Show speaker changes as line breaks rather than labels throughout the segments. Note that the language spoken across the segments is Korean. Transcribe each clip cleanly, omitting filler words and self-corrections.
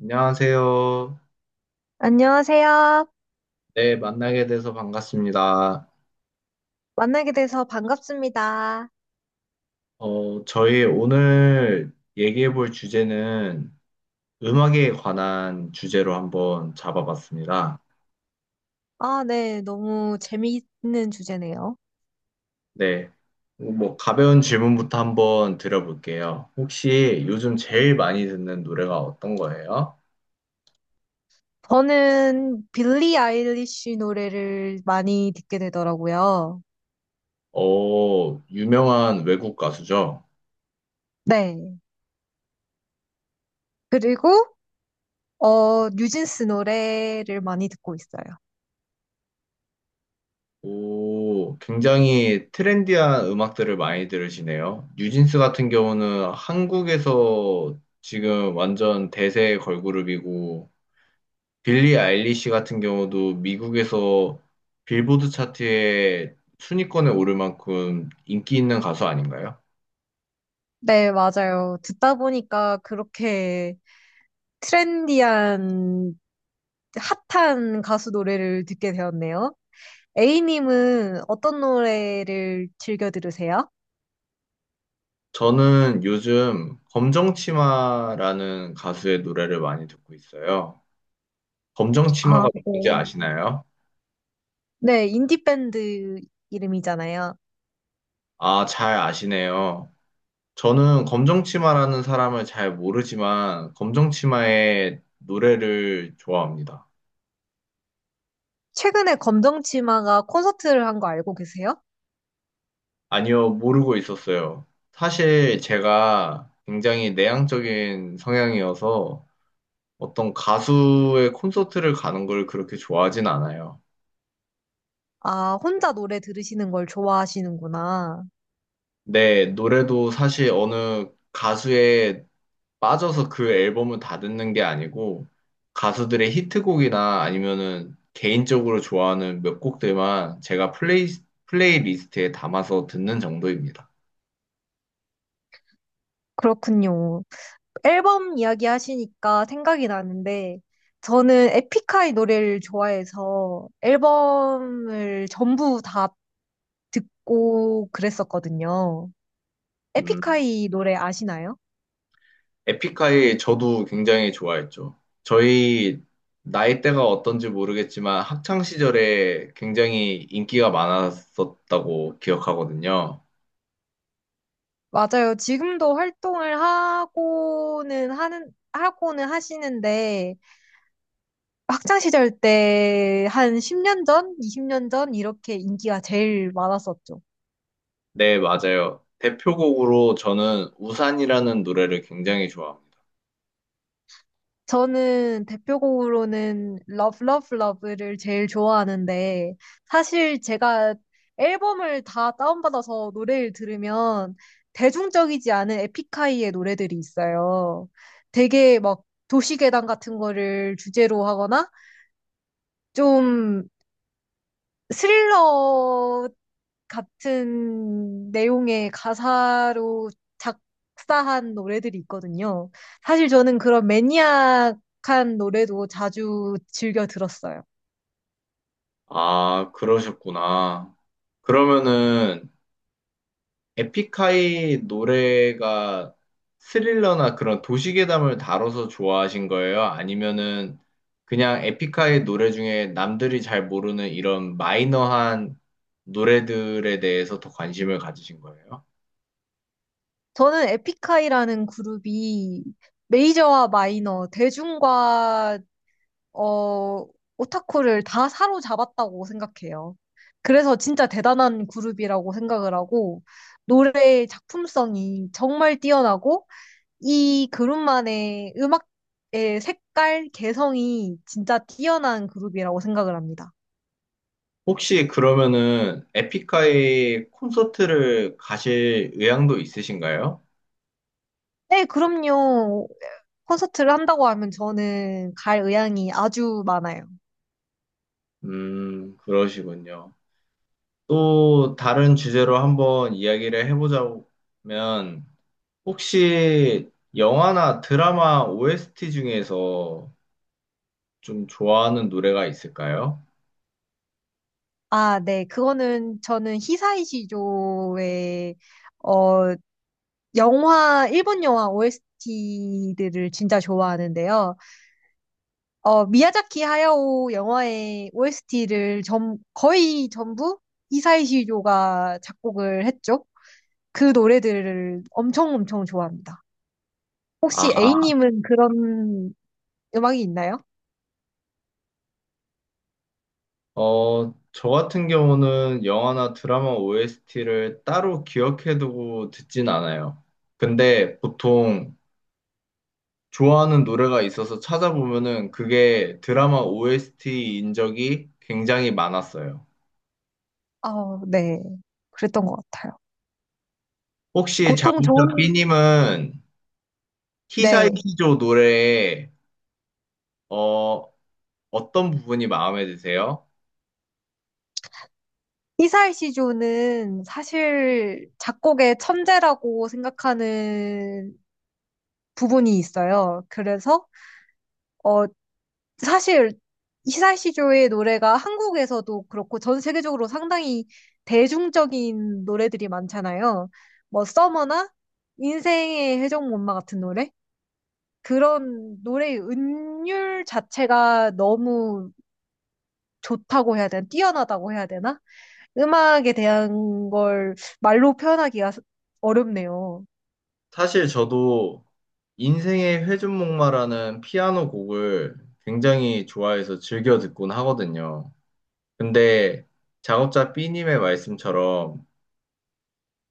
안녕하세요.
안녕하세요.
네, 만나게 돼서 반갑습니다.
만나게 돼서 반갑습니다.
저희 오늘 얘기해 볼 주제는 음악에 관한 주제로 한번 잡아봤습니다.
아, 네. 너무 재미있는 주제네요.
네, 뭐 가벼운 질문부터 한번 드려볼게요. 혹시 요즘 제일 많이 듣는 노래가 어떤 거예요?
저는 빌리 아일리시 노래를 많이 듣게 되더라고요.
어, 유명한 외국 가수죠?
네. 그리고, 뉴진스 노래를 많이 듣고 있어요.
오, 굉장히 트렌디한 음악들을 많이 들으시네요. 뉴진스 같은 경우는 한국에서 지금 완전 대세 걸그룹이고, 빌리 아일리시 같은 경우도 미국에서 빌보드 차트에 순위권에 오를 만큼 인기 있는 가수 아닌가요?
네, 맞아요. 듣다 보니까 그렇게 트렌디한, 핫한 가수 노래를 듣게 되었네요. A님은 어떤 노래를 즐겨 들으세요?
저는 요즘 검정치마라는 가수의 노래를 많이 듣고 있어요. 검정치마가
아,
뭔지
네.
아시나요?
네, 인디밴드 이름이잖아요.
아, 잘 아시네요. 저는 검정치마라는 사람을 잘 모르지만 검정치마의 노래를 좋아합니다.
최근에 검정치마가 콘서트를 한 거 알고 계세요?
아니요, 모르고 있었어요. 사실 제가 굉장히 내향적인 성향이어서 어떤 가수의 콘서트를 가는 걸 그렇게 좋아하진 않아요.
아, 혼자 노래 들으시는 걸 좋아하시는구나.
네, 노래도 사실 어느 가수의 빠져서 그 앨범은 다 듣는 게 아니고 가수들의 히트곡이나 아니면은 개인적으로 좋아하는 몇 곡들만 제가 플레이리스트에 담아서 듣는 정도입니다.
그렇군요. 앨범 이야기 하시니까 생각이 나는데, 저는 에픽하이 노래를 좋아해서 앨범을 전부 다 듣고 그랬었거든요.
음,
에픽하이 노래 아시나요?
에픽하이 저도 굉장히 좋아했죠. 저희 나이대가 어떤지 모르겠지만 학창 시절에 굉장히 인기가 많았었다고 기억하거든요.
맞아요. 지금도 활동을 하고는 하시는데, 학창 시절 때 한 10년 전, 20년 전 이렇게 인기가 제일 많았었죠.
네, 맞아요. 대표곡으로 저는 우산이라는 노래를 굉장히 좋아합니다.
저는 대표곡으로는 Love Love Love를 제일 좋아하는데 사실 제가 앨범을 다 다운받아서 노래를 들으면 대중적이지 않은 에픽하이의 노래들이 있어요. 되게 막 도시괴담 같은 거를 주제로 하거나 좀 스릴러 같은 내용의 가사로 작사한 노래들이 있거든요. 사실 저는 그런 매니악한 노래도 자주 즐겨 들었어요.
아, 그러셨구나. 그러면은 에픽하이 노래가 스릴러나 그런 도시괴담을 다뤄서 좋아하신 거예요? 아니면은 그냥 에픽하이 노래 중에 남들이 잘 모르는 이런 마이너한 노래들에 대해서 더 관심을 가지신 거예요?
저는 에픽하이라는 그룹이 메이저와 마이너, 대중과 어, 오타쿠를 다 사로잡았다고 생각해요. 그래서 진짜 대단한 그룹이라고 생각을 하고 노래의 작품성이 정말 뛰어나고 이 그룹만의 음악의 색깔, 개성이 진짜 뛰어난 그룹이라고 생각을 합니다.
혹시 그러면은 에픽하이 콘서트를 가실 의향도 있으신가요?
네, 그럼요. 콘서트를 한다고 하면 저는 갈 의향이 아주 많아요.
그러시군요. 또 다른 주제로 한번 이야기를 해보자면, 혹시 영화나 드라마 OST 중에서 좀 좋아하는 노래가 있을까요?
아, 네. 그거는 저는 히사이시조의 어 영화 일본 영화 OST들을 진짜 좋아하는데요. 미야자키 하야오 영화의 OST를 전 거의 전부 히사이시조가 작곡을 했죠. 그 노래들을 엄청 엄청 좋아합니다.
아,
혹시 A님은 그런 음악이 있나요?
저 같은 경우는 영화나 드라마 OST를 따로 기억해두고 듣진 않아요. 근데 보통 좋아하는 노래가 있어서 찾아보면은 그게 드라마 OST인 적이 굉장히 많았어요.
아, 네. 그랬던 것 같아요.
혹시
보통
작곡자
좋은,
B님은
네.
히사이시조 노래의 어, 어떤 부분이 마음에 드세요?
이사엘 시조는 사실 작곡의 천재라고 생각하는 부분이 있어요. 어, 사실 이사엘 시조의 노래가 한국에서도 그렇고 전 세계적으로 상당히 대중적인 노래들이 많잖아요. 뭐, 서머나 인생의 회전목마 같은 노래? 그런 노래의 은율 자체가 너무 좋다고 해야 되나? 뛰어나다고 해야 되나? 음악에 대한 걸 말로 표현하기가 어렵네요.
사실 저도 인생의 회전목마라는 피아노 곡을 굉장히 좋아해서 즐겨 듣곤 하거든요. 근데 작업자 B님의 말씀처럼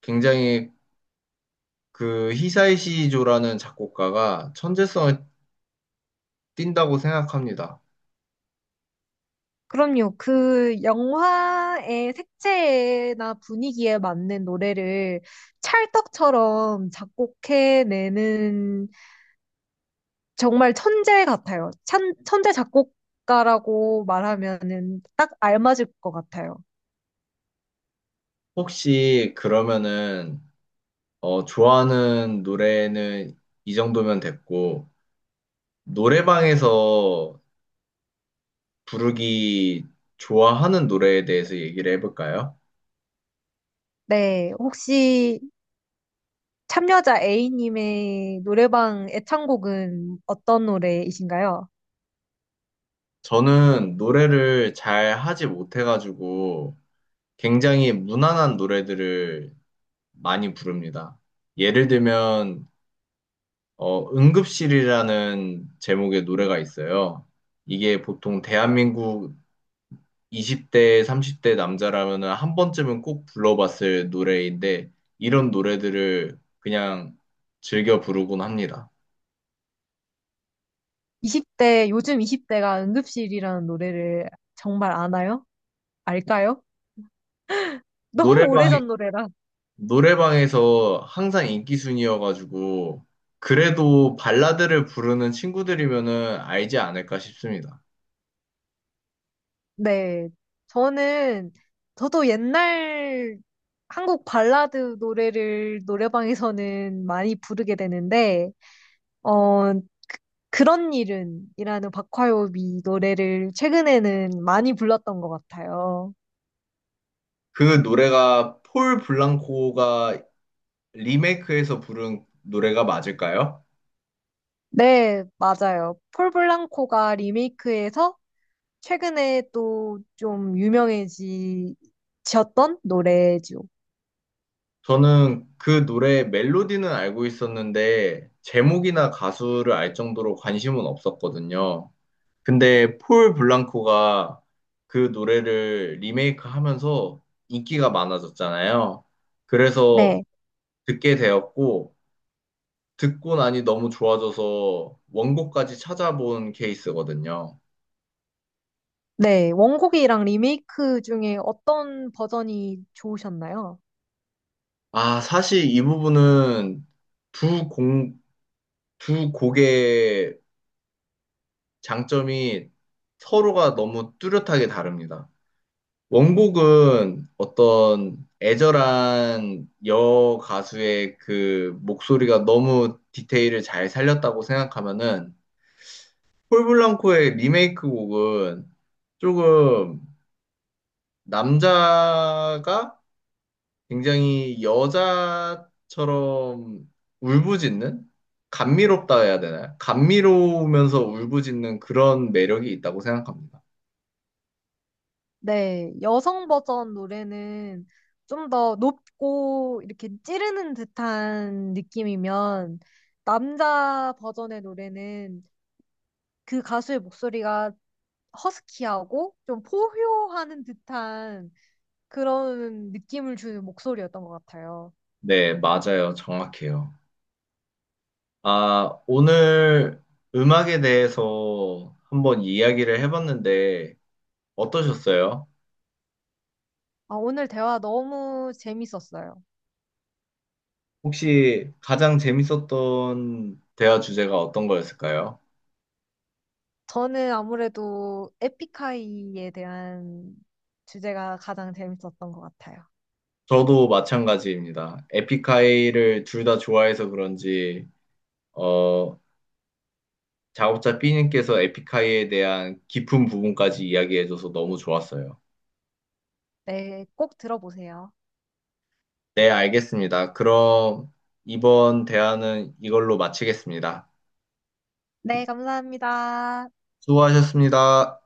굉장히 그 히사이시조라는 작곡가가 천재성을 띈다고 생각합니다.
그럼요. 그 영화의 색채나 분위기에 맞는 노래를 찰떡처럼 작곡해내는 정말 천재 같아요. 천재 작곡가라고 말하면은 딱 알맞을 것 같아요.
혹시 그러면은 좋아하는 노래는 이 정도면 됐고 노래방에서 부르기 좋아하는 노래에 대해서 얘기를 해볼까요?
네. 혹시 참여자 A님의 노래방 애창곡은 어떤 노래이신가요?
저는 노래를 잘 하지 못해가지고 굉장히 무난한 노래들을 많이 부릅니다. 예를 들면, 응급실이라는 제목의 노래가 있어요. 이게 보통 대한민국 20대, 30대 남자라면 한 번쯤은 꼭 불러봤을 노래인데, 이런 노래들을 그냥 즐겨 부르곤 합니다.
20대, 요즘 20대가 응급실이라는 노래를 정말 아나요? 알까요? 너무
노래방,
오래전 노래라.
노래방에서 항상 인기 순이어가지고 그래도 발라드를 부르는 친구들이면은 알지 않을까 싶습니다.
네. 저는, 저도 옛날 한국 발라드 노래를 노래방에서는 많이 부르게 되는데, 어, 그런 일은이라는 박화요비 노래를 최근에는 많이 불렀던 것 같아요.
그 노래가 폴 블랑코가 리메이크해서 부른 노래가 맞을까요?
네, 맞아요. 폴 블랑코가 리메이크해서 최근에 또 좀 유명해지셨던 노래죠.
저는 그 노래 멜로디는 알고 있었는데 제목이나 가수를 알 정도로 관심은 없었거든요. 근데 폴 블랑코가 그 노래를 리메이크하면서 인기가 많아졌잖아요. 그래서
네,
듣게 되었고, 듣고 나니 너무 좋아져서 원곡까지 찾아본 케이스거든요.
네. 원곡이랑 리메이크 중에 어떤 버전이 좋으셨나요?
아, 사실 이 부분은 두 공, 두 곡의 장점이 서로가 너무 뚜렷하게 다릅니다. 원곡은 어떤 애절한 여 가수의 그 목소리가 너무 디테일을 잘 살렸다고 생각하면은 폴 블랑코의 리메이크 곡은 조금 남자가 굉장히 여자처럼 울부짖는? 감미롭다 해야 되나요? 감미로우면서 울부짖는 그런 매력이 있다고 생각합니다.
네, 여성 버전 노래는 좀 더 높고 이렇게 찌르는 듯한 느낌이면 남자 버전의 노래는 그 가수의 목소리가 허스키하고 좀 포효하는 듯한 그런 느낌을 주는 목소리였던 것 같아요.
네, 맞아요. 정확해요. 아, 오늘 음악에 대해서 한번 이야기를 해봤는데 어떠셨어요?
아, 오늘 대화 너무 재밌었어요.
혹시 가장 재밌었던 대화 주제가 어떤 거였을까요?
저는 아무래도 에픽하이에 대한 주제가 가장 재밌었던 것 같아요.
저도 마찬가지입니다. 에픽하이를 둘 다 좋아해서 그런지 어, 작업자 B님께서 에픽하이에 대한 깊은 부분까지 이야기해줘서 너무 좋았어요.
네, 꼭 들어보세요.
네, 알겠습니다. 그럼 이번 대화는 이걸로 마치겠습니다.
네, 감사합니다.
수고하셨습니다.